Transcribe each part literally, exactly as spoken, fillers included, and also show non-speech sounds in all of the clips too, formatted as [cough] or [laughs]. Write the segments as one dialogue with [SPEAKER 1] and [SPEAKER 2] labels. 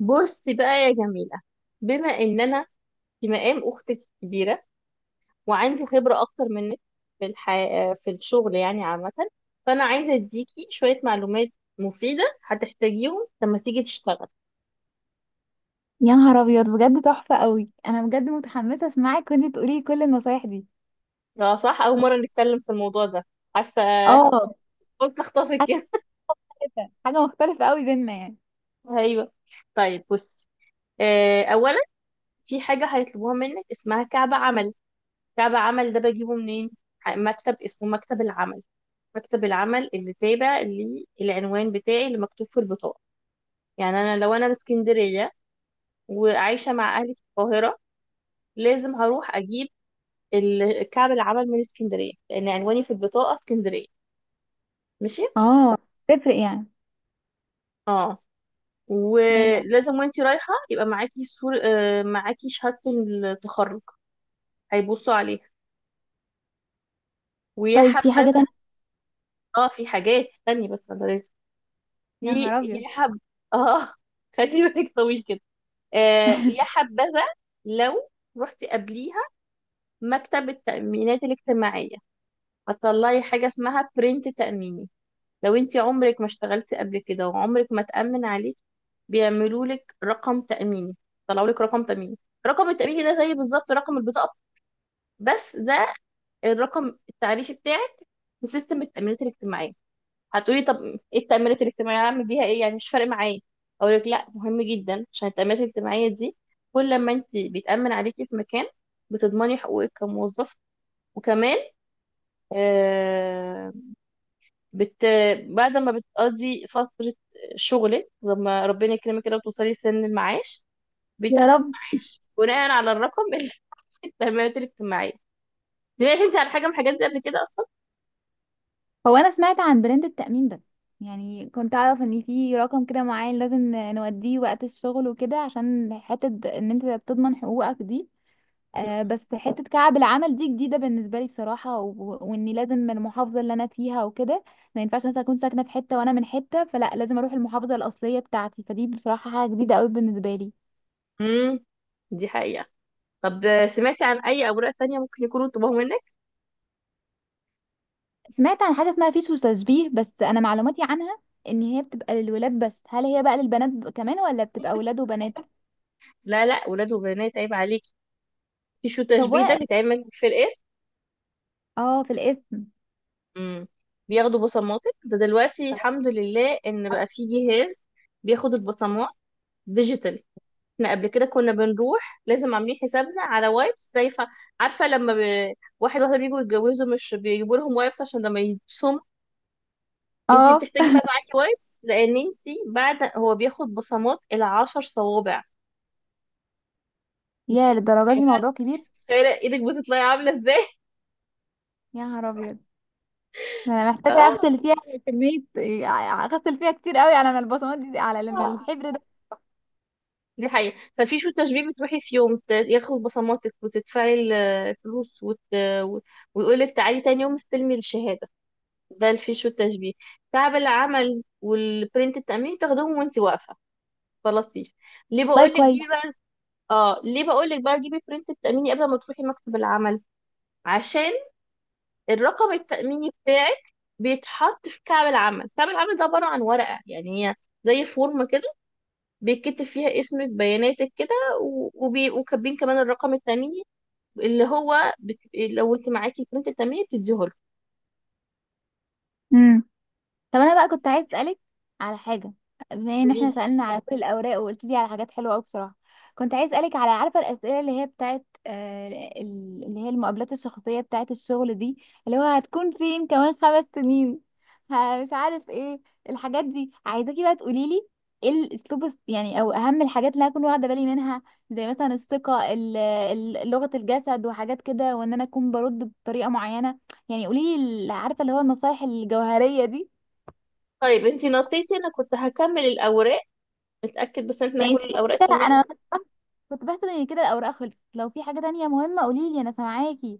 [SPEAKER 1] بصي بقى يا جميلة. بما ان انا في مقام اختك الكبيرة وعندي خبرة اكتر منك في الح... في الشغل يعني عامة، فانا عايزة اديكي شوية معلومات مفيدة هتحتاجيهم لما تيجي تشتغل.
[SPEAKER 2] يا نهار ابيض، بجد تحفه قوي. انا بجد متحمسه اسمعك وانتي تقولي لي كل النصايح دي.
[SPEAKER 1] اه، صح، اول مرة نتكلم في الموضوع ده، عارفة.
[SPEAKER 2] اه،
[SPEAKER 1] [laughs] قلت اخطفك
[SPEAKER 2] حاجه
[SPEAKER 1] كده.
[SPEAKER 2] مختلفه حاجه مختلفه قوي بينا يعني.
[SPEAKER 1] ايوه. طيب بصي، آه، اولا، في حاجة هيطلبوها منك اسمها كعب عملي. تابع عمل ده بجيبه منين؟ ح- مكتب اسمه مكتب العمل، مكتب العمل اللي تابع للعنوان بتاعي اللي مكتوب في البطاقة. يعني أنا لو أنا من اسكندرية وعايشة مع أهلي في القاهرة، لازم هروح أجيب ال- كعب العمل من اسكندرية لأن عنواني في البطاقة اسكندرية. ماشي؟
[SPEAKER 2] اه، تفرق يعني.
[SPEAKER 1] اه،
[SPEAKER 2] ماشي.
[SPEAKER 1] ولازم وانتي رايحة يبقى معاكي صور، آه، معاكي شهادة التخرج هيبصوا عليها، ويا
[SPEAKER 2] طيب، في
[SPEAKER 1] حبذا.
[SPEAKER 2] حاجه تانية؟
[SPEAKER 1] اه، في حاجات، استني بس، انا لازم
[SPEAKER 2] يا نهار
[SPEAKER 1] ي-
[SPEAKER 2] ابيض!
[SPEAKER 1] يا حب. اه. [laughs] خلي بالك طويل كده. آه، يا
[SPEAKER 2] [laughs]
[SPEAKER 1] حبذا لو رحتي قبليها مكتب التأمينات الاجتماعية، هتطلعي حاجة اسمها برنت تأميني. لو انت عمرك ما اشتغلتي قبل كده وعمرك ما تأمن عليك، بيعملوا لك رقم تأميني، طلعوا لك رقم تأميني. رقم التأميني ده زي بالظبط رقم البطاقة، بس ده الرقم التعريفي بتاعك في سيستم التأمينات الاجتماعية. هتقولي طب ايه التأمينات الاجتماعية، هعمل بيها ايه يعني، مش فارق معايا. اقول لك، لا، مهم جدا، عشان التأمينات الاجتماعية دي كل لما انت بيتأمن عليكي في مكان، بتضمني حقوقك كموظف، وكمان، آه بت بعد ما بتقضي فترة شغلك، لما ربنا يكرمك كده وتوصلي سن المعاش،
[SPEAKER 2] يا
[SPEAKER 1] بتاخدي
[SPEAKER 2] رب.
[SPEAKER 1] معاش بناء على الرقم اللي [laughs] في التأمينات الاجتماعية. سمعتي انت عن حاجة من الحاجات دي قبل كده اصلا؟
[SPEAKER 2] هو انا سمعت عن براند التأمين بس، يعني كنت اعرف ان في رقم كده معين لازم نوديه وقت الشغل وكده، عشان حتة ان انت بتضمن حقوقك دي. آه، بس حتة كعب العمل دي جديدة بالنسبة لي بصراحة، و... وإني لازم من المحافظة اللي أنا فيها وكده. ما ينفعش مثلا أكون ساكنة في حتة وأنا من حتة فلا، لازم أروح المحافظة الأصلية بتاعتي، فدي بصراحة حاجة جديدة أوي بالنسبة لي.
[SPEAKER 1] امم دي حقيقة. طب، سمعتي عن اي اوراق تانية ممكن يكونوا طلبوها منك؟
[SPEAKER 2] سمعت عن حاجة اسمها فيش وتشبيه، بس أنا معلوماتي عنها إن هي بتبقى للولاد بس، هل هي بقى للبنات ب- كمان، ولا بتبقى ولاد وبنات؟
[SPEAKER 1] لا لا، ولاد وبنات، عيب عليك. في شو تشبيه
[SPEAKER 2] سواء.
[SPEAKER 1] ده، بيتعمل في القسم.
[SPEAKER 2] اه، في الاسم.
[SPEAKER 1] امم بياخدوا بصماتك. ده دلوقتي الحمد لله ان بقى في جهاز بياخد البصمات ديجيتال. احنا قبل كده كنا بنروح لازم عاملين حسابنا على وايبس دايفة، عارفة؟ لما ب... واحد واحدة بيجوا يتجوزوا، مش بيجيبوا لهم وايبس عشان لما يبصموا. انتي
[SPEAKER 2] اه،
[SPEAKER 1] بتحتاجي بقى معاكي وايبس لان انتي بعد هو بياخد بصمات العشر صوابع.
[SPEAKER 2] يا
[SPEAKER 1] انتي
[SPEAKER 2] للدرجة دي الموضوع كبير!
[SPEAKER 1] متخيلة ايدك بتطلعي عاملة ازاي؟
[SPEAKER 2] يا نهار ابيض! ده انا
[SPEAKER 1] [laughs]
[SPEAKER 2] محتاجه
[SPEAKER 1] اه،
[SPEAKER 2] اغسل فيها كميه، اغسل فيها كتير قوي على ما البصمات دي، على لما الحبر.
[SPEAKER 1] دي حقيقة. ففي شو تشبيه بتروحي في يوم، ت- ياخد بصماتك وتدفعي ال- الفلوس وت... و- ويقولك تعالي تاني يوم استلمي الشهادة. ده في شو التشبيه. تعب العمل والبرنت التأمين تاخدهم وانت واقفة، فلطيف. ليه
[SPEAKER 2] والله
[SPEAKER 1] بقولك
[SPEAKER 2] كويس.
[SPEAKER 1] جيبي بقى؟ اه، ليه بقولك بقى جيبي برنت التأميني قبل ما تروحي مكتب العمل؟ عشان الرقم التأميني بتاعك بيتحط في كعب العمل. كعب العمل ده عبارة عن ورقة، يعني هي زي فورمة كده، بيتكتب فيها اسمك بياناتك كده، و- وبي... وكاتبين كمان الرقم التأميني اللي هو بت... لو انت معاكي البرنت التأميني بتديه له.
[SPEAKER 2] امم طب انا بقى كنت عايز اسالك على حاجه. بما ان
[SPEAKER 1] قولي
[SPEAKER 2] احنا
[SPEAKER 1] لي.
[SPEAKER 2] سالنا على كل الاوراق وقلت لي على حاجات حلوه قوي بصراحه، كنت عايز اسالك على عارفه الاسئله اللي هي بتاعت آه، ال- اللي هي المقابلات الشخصيه بتاعت الشغل دي، اللي هو هتكون فين كمان خمس سنين، ه- مش عارف ايه، الحاجات دي. عايزاكي بقى تقولي لي ايه الاسلوب الس- يعني، او اهم الحاجات اللي هكون واخده بالي منها، زي مثلا الثقه، ال- ال- لغه الجسد وحاجات كده، وان انا اكون برد بطريقه معينه. يعني قولي لي عارفه اللي هو النصايح الجوهريه دي.
[SPEAKER 1] طيب انت نطيتي، انا كنت هكمل الاوراق. متأكد بس ان احنا
[SPEAKER 2] ماشي.
[SPEAKER 1] كل الاوراق
[SPEAKER 2] كده
[SPEAKER 1] تمام.
[SPEAKER 2] انا كنت بحسب ان كده الاوراق خلصت. لو في حاجه تانية مهمه قولي لي، انا سامعاكي.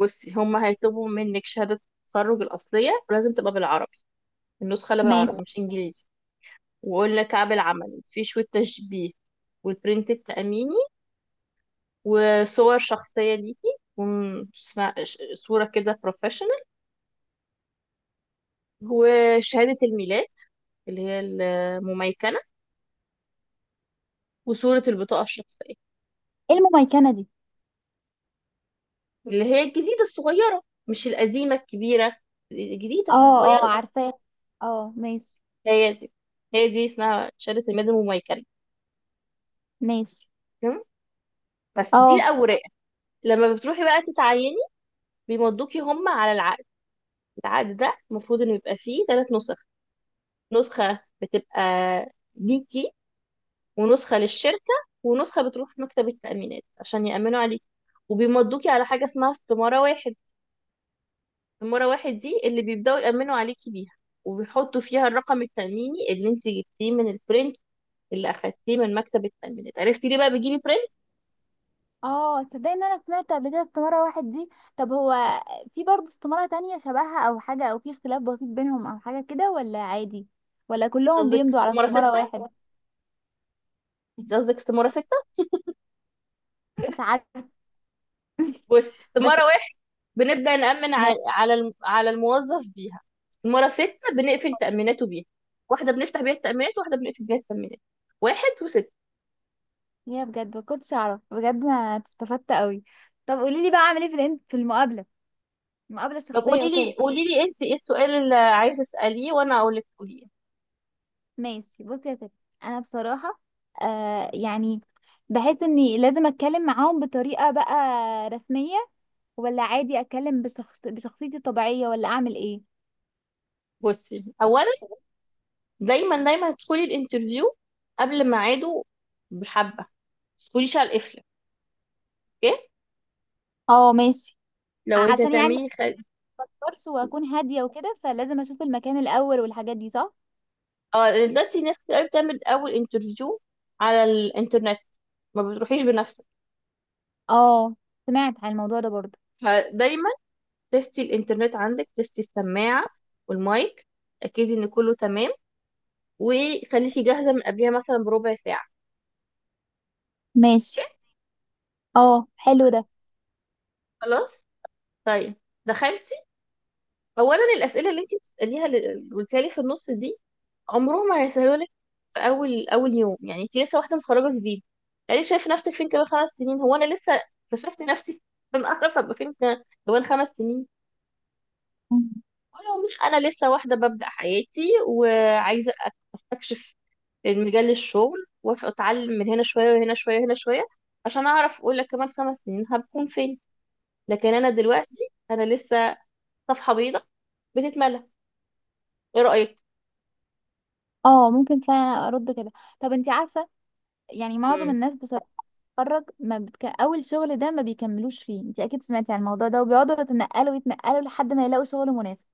[SPEAKER 1] بصي، هما هيطلبوا منك شهادة التخرج الأصلية، ولازم تبقى بالعربي، النسخة اللي
[SPEAKER 2] ماشي.
[SPEAKER 1] بالعربي مش إنجليزي. وقلنا كعب العمل، في شوية تشبيه، والبرنت التأميني، وصور شخصية ليكي، وم- اسمها- ش- صورة كده بروفيشنال، وشهادة الميلاد اللي هي المميكنة، وصورة البطاقة الشخصية
[SPEAKER 2] ايه المميكنه دي؟
[SPEAKER 1] اللي هي الجديدة الصغيرة، مش القديمة الكبيرة، الجديدة
[SPEAKER 2] اه. اه،
[SPEAKER 1] الصغيرة دي.
[SPEAKER 2] عارفاه. اه، ماشي.
[SPEAKER 1] هي دي، هي دي اسمها شهادة الميلاد المميكنة.
[SPEAKER 2] ماشي.
[SPEAKER 1] تمام؟ بس دي
[SPEAKER 2] اه.
[SPEAKER 1] الأوراق. لما بتروحي بقى تتعيني، بيمضوكي هم على العقد. العقد ده المفروض إنه يبقى فيه ثلاث نسخ: نسخة بتبقى ليكي، ونسخة للشركة، ونسخة بتروح مكتب التأمينات عشان يأمنوا عليكي. وبيمضوكي على حاجة اسمها استمارة واحد. المرة واحد دي اللي بيبدأوا يأمنوا عليكي بيها، وبيحطوا فيها الرقم التأميني اللي انت جبتيه من البرنت اللي أخدتيه من مكتب التأمينات. عرفتي ليه بقى بيجيلي برنت؟
[SPEAKER 2] اه، تصدقي ان انا سمعت قبل كده استماره واحد دي. طب هو في برضه استماره تانية شبهها او حاجه، او في اختلاف بسيط بينهم او حاجه كده، ولا عادي، ولا كلهم
[SPEAKER 1] قصدك
[SPEAKER 2] بيمضوا على
[SPEAKER 1] استمارة
[SPEAKER 2] استماره
[SPEAKER 1] ستة،
[SPEAKER 2] واحد؟
[SPEAKER 1] انت قصدك استمارة ستة.
[SPEAKER 2] مش عارفه. [laughs]
[SPEAKER 1] بص،
[SPEAKER 2] بس.
[SPEAKER 1] استمارة واحد بنبدأ نأمن ع-
[SPEAKER 2] ماشي.
[SPEAKER 1] على الم- على الموظف بيها، استمارة ستة بنقفل تأميناته بيها. واحدة بنفتح بيها التأمينات، واحدة بنقفل بيها التأمينات. واحد وستة.
[SPEAKER 2] هي بجد ما كنتش اعرف، بجد انا استفدت قوي. طب قولي لي بقى اعمل ايه في الإن- في المقابله المقابله
[SPEAKER 1] طب
[SPEAKER 2] الشخصيه
[SPEAKER 1] قولي لي،
[SPEAKER 2] وكده؟
[SPEAKER 1] قولي لي انت ايه السؤال اللي عايزة اسأليه وانا اقول لك قوليه.
[SPEAKER 2] ماشي، بصي يا ستي. انا بصراحه آه يعني بحس اني لازم اتكلم معاهم بطريقه بقى رسميه، ولا عادي اتكلم بشخص بشخصيتي الطبيعيه، ولا اعمل ايه؟
[SPEAKER 1] بصي اولا، دايما دايما ادخلي الانترفيو قبل ميعاده، بحبه ما تدخليش على القفله. اوكي؟
[SPEAKER 2] اه، ماشي.
[SPEAKER 1] لو عايزه
[SPEAKER 2] عشان يعني ما
[SPEAKER 1] تعملي خ...
[SPEAKER 2] اكبرش واكون هاديه وكده، فلازم اشوف المكان الاول والحاجات دي صح.
[SPEAKER 1] اه، دلوقتي ناس كتير قوي بتعمل اول انترفيو على الانترنت، ما بتروحيش بنفسك.
[SPEAKER 2] اه، سمعت عن الموضوع ده برضه.
[SPEAKER 1] فدايما تستي الانترنت عندك، تستي السماعه والمايك، اكيد ان كله تمام، وخليكي جاهزه من قبلها مثلا بربع ساعه.
[SPEAKER 2] ماشي، اه حلو ده.
[SPEAKER 1] خلاص. طيب، دخلتي، اولا الاسئله اللي انت بتساليها اللي قلتيها لي في النص دي عمرهم ما هيسهلوا لك في اول اول يوم، يعني انت لسه واحده متخرجه جديد. يعني شايف نفسك فين كمان خمس سنين؟ هو انا لسه اكتشفت نفسي [laughs] انا اعرف ابقى فين كمان خمس سنين؟
[SPEAKER 2] مم.
[SPEAKER 1] ولو مش، انا لسه واحده ببدا حياتي وعايزه استكشف المجال الشغل واتعلم من هنا شويه وهنا شويه وهنا شويه، عشان اعرف اقول لك كمان خمس سنين هبكون فين. لكن انا دلوقتي انا لسه صفحه بيضاء بتتملى. ايه رايك؟
[SPEAKER 2] اه، ممكن فعلا ارد كده. طب انت عارفه، يعني معظم
[SPEAKER 1] امم
[SPEAKER 2] الناس بصراحه بتتخرج، ما بتك... اول شغل ده ما بيكملوش فيه. انت اكيد سمعتي عن الموضوع ده، وبيقعدوا يتنقلوا يتنقلوا لحد ما يلاقوا شغل مناسب.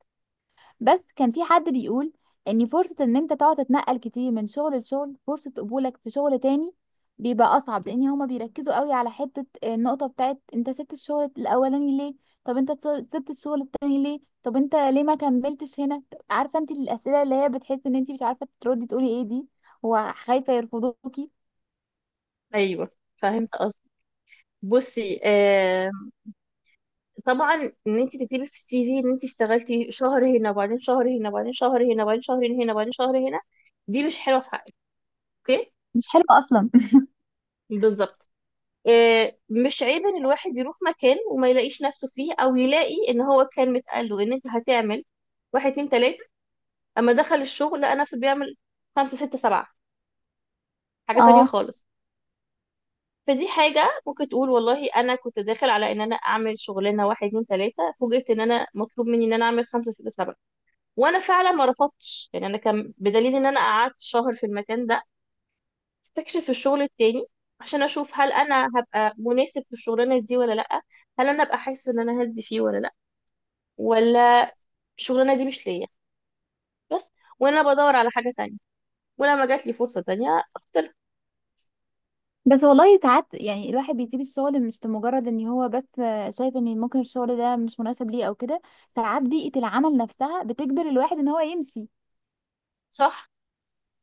[SPEAKER 2] بس كان في حد بيقول ان فرصة ان انت تقعد تتنقل كتير من شغل لشغل، فرصة قبولك في شغل تاني بيبقى اصعب، لان هما بيركزوا قوي على حتة النقطة بتاعت انت سبت الشغل الاولاني ليه، طب انت سبت الشغل التاني ليه، طب انت ليه ما كملتش هنا. عارفة، انت الاسئلة اللي هي بتحس ان انت مش عارفة تردي تقولي ايه دي، وخايفة يرفضوكي.
[SPEAKER 1] ايوه، فهمت قصدي. بصي، آه، طبعا، ان انت تكتبي في السي في ان انت اشتغلتي شهر هنا وبعدين شهر هنا وبعدين شهر هنا وبعدين شهرين هنا وبعدين شهر هنا، دي مش حلوه في حقك. اوكي؟
[SPEAKER 2] مش حلوة اصلا.
[SPEAKER 1] بالظبط. آه، مش عيب ان الواحد يروح مكان وما يلاقيش نفسه فيه، او يلاقي ان هو كان متقال له ان انت هتعمل واحد اتنين تلاته، اما دخل الشغل لقى نفسه بيعمل خمسه سته سبعه، حاجه
[SPEAKER 2] [laughs]
[SPEAKER 1] تانية
[SPEAKER 2] اه.
[SPEAKER 1] خالص. فدي حاجه ممكن تقول والله انا كنت داخل على ان انا اعمل شغلانه واحد اتنين تلاته، فوجئت ان انا مطلوب مني ان انا اعمل خمسه سته سبعه. وانا فعلا ما رفضتش، يعني انا كان بدليل ان انا قعدت شهر في المكان ده، استكشف الشغل التاني عشان اشوف هل انا هبقى مناسب في الشغلانه دي ولا لا، هل انا ابقى حاسه ان انا هدي فيه ولا لا، ولا الشغلانه دي مش ليا. بس وانا بدور على حاجه تانية، ولما جات لي فرصه تانية اختار.
[SPEAKER 2] بس والله ساعات يعني الواحد بيسيب الشغل مش لمجرد ان هو بس شايف ان ممكن الشغل ده مش مناسب ليه او كده، ساعات بيئة العمل نفسها بتجبر الواحد ان هو يمشي.
[SPEAKER 1] صح،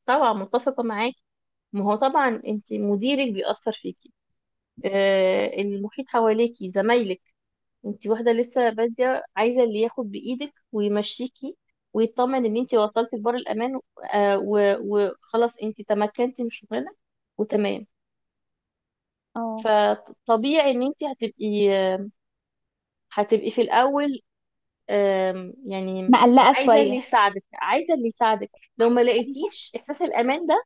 [SPEAKER 1] طبعا متفقه معاكي. ما هو طبعا انت مديرك بيأثر فيكي، آه، المحيط حواليكي، زمايلك. انت واحدة لسه بادية، عايزة اللي ياخد بإيدك ويمشيكي، ويطمن ان انت وصلتي لبر الأمان، آه، و- وخلاص انت تمكنتي من شغلنا وتمام.
[SPEAKER 2] اه،
[SPEAKER 1] فطبيعي ان انت هتبقي هتبقي في الأول، آم، يعني
[SPEAKER 2] مقلقة
[SPEAKER 1] عايزة اللي
[SPEAKER 2] شوية.
[SPEAKER 1] يساعدك، عايزة اللي يساعدك. لو ما
[SPEAKER 2] دي
[SPEAKER 1] لقيتيش إحساس الأمان ده،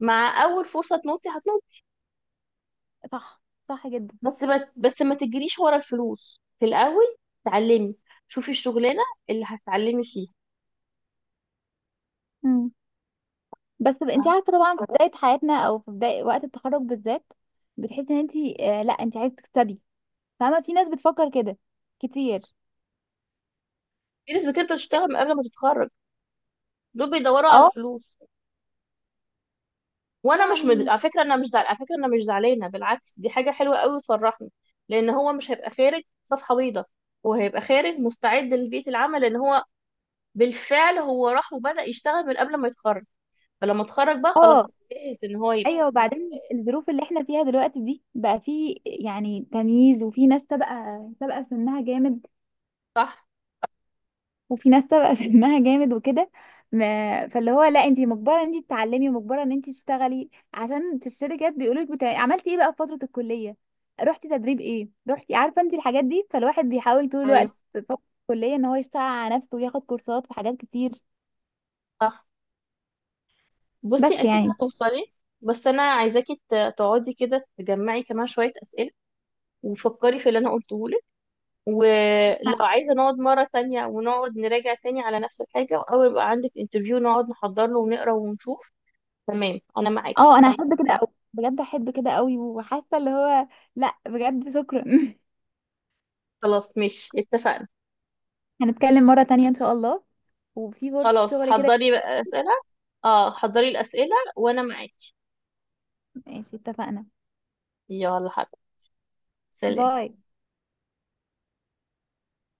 [SPEAKER 1] مع أول فرصة تنطي هتنطي.
[SPEAKER 2] حاجة. صح. صح جدا.
[SPEAKER 1] بس ما بس ما تجريش ورا الفلوس في الأول. اتعلمي، شوفي الشغلانة اللي هتتعلمي فيها.
[SPEAKER 2] مم. بس ب- انت عارفة، طبعا في بداية حياتنا او في بداية وقت التخرج بالذات، بتحسي ان انت آه لا، انت عايزة تكسبي. فاهمة؟ في ناس بتفكر كده كتير.
[SPEAKER 1] في ناس بتبدأ تشتغل من قبل ما تتخرج، دول بيدوروا على
[SPEAKER 2] اه
[SPEAKER 1] الفلوس. وانا مش
[SPEAKER 2] يعني
[SPEAKER 1] مد...
[SPEAKER 2] مش.
[SPEAKER 1] على فكره انا مش زعل... على فكره انا مش زعلانه، بالعكس، دي حاجه حلوه قوي وتفرحني، لان هو مش هيبقى خارج صفحه بيضاء، هو هيبقى خارج مستعد لبيئه العمل، لان هو بالفعل هو راح وبدأ يشتغل من قبل ما يتخرج. فلما اتخرج بقى خلاص
[SPEAKER 2] اه،
[SPEAKER 1] هو جاهز ان هو يبدأ.
[SPEAKER 2] ايوه. وبعدين الظروف اللي احنا فيها دلوقتي دي بقى في يعني تمييز، وفي ناس سابقه سابقه سنها جامد،
[SPEAKER 1] صح.
[SPEAKER 2] وفي ناس سابقه [laughs] سنها جامد وكده. ما- فاللي هو لا، انت مجبره ان انت تتعلمي، مجبره ان انت تشتغلي، عشان في الشركات بيقولوا لك بتاع... عملتي ايه بقى في فتره الكليه، رحتي تدريب ايه، رحتي، عارفه انت الحاجات دي. فالواحد بيحاول طول
[SPEAKER 1] ايوه.
[SPEAKER 2] الوقت في فتره الكليه ان هو يشتغل على نفسه وياخد كورسات في حاجات كتير.
[SPEAKER 1] صح.
[SPEAKER 2] بس
[SPEAKER 1] بصي اكيد
[SPEAKER 2] يعني
[SPEAKER 1] هتوصلي. بس انا عايزاكي ت- تقعدي كده تجمعي كمان شويه اسئله، وفكري في اللي انا قلته. ولو عايزة نقعد مرة تانية ونقعد نراجع تاني على نفس الحاجة، أو يبقى عندك انترفيو نقعد نحضر له ونقرا ونشوف. تمام، أنا معاكي.
[SPEAKER 2] اه، انا احب كده قوي، بجد احب كده قوي، وحاسه اللي هو لا، بجد شكرا. [laughs]
[SPEAKER 1] خلاص، ماشي، اتفقنا.
[SPEAKER 2] هنتكلم مرة تانية إن شاء الله، وفي فرصة
[SPEAKER 1] خلاص،
[SPEAKER 2] شغل كده.
[SPEAKER 1] حضري بقى أسئلة. اه، حضري الأسئلة وأنا معاكي.
[SPEAKER 2] ماشي اتفقنا.
[SPEAKER 1] يلا حبيبي، سلام.
[SPEAKER 2] باي.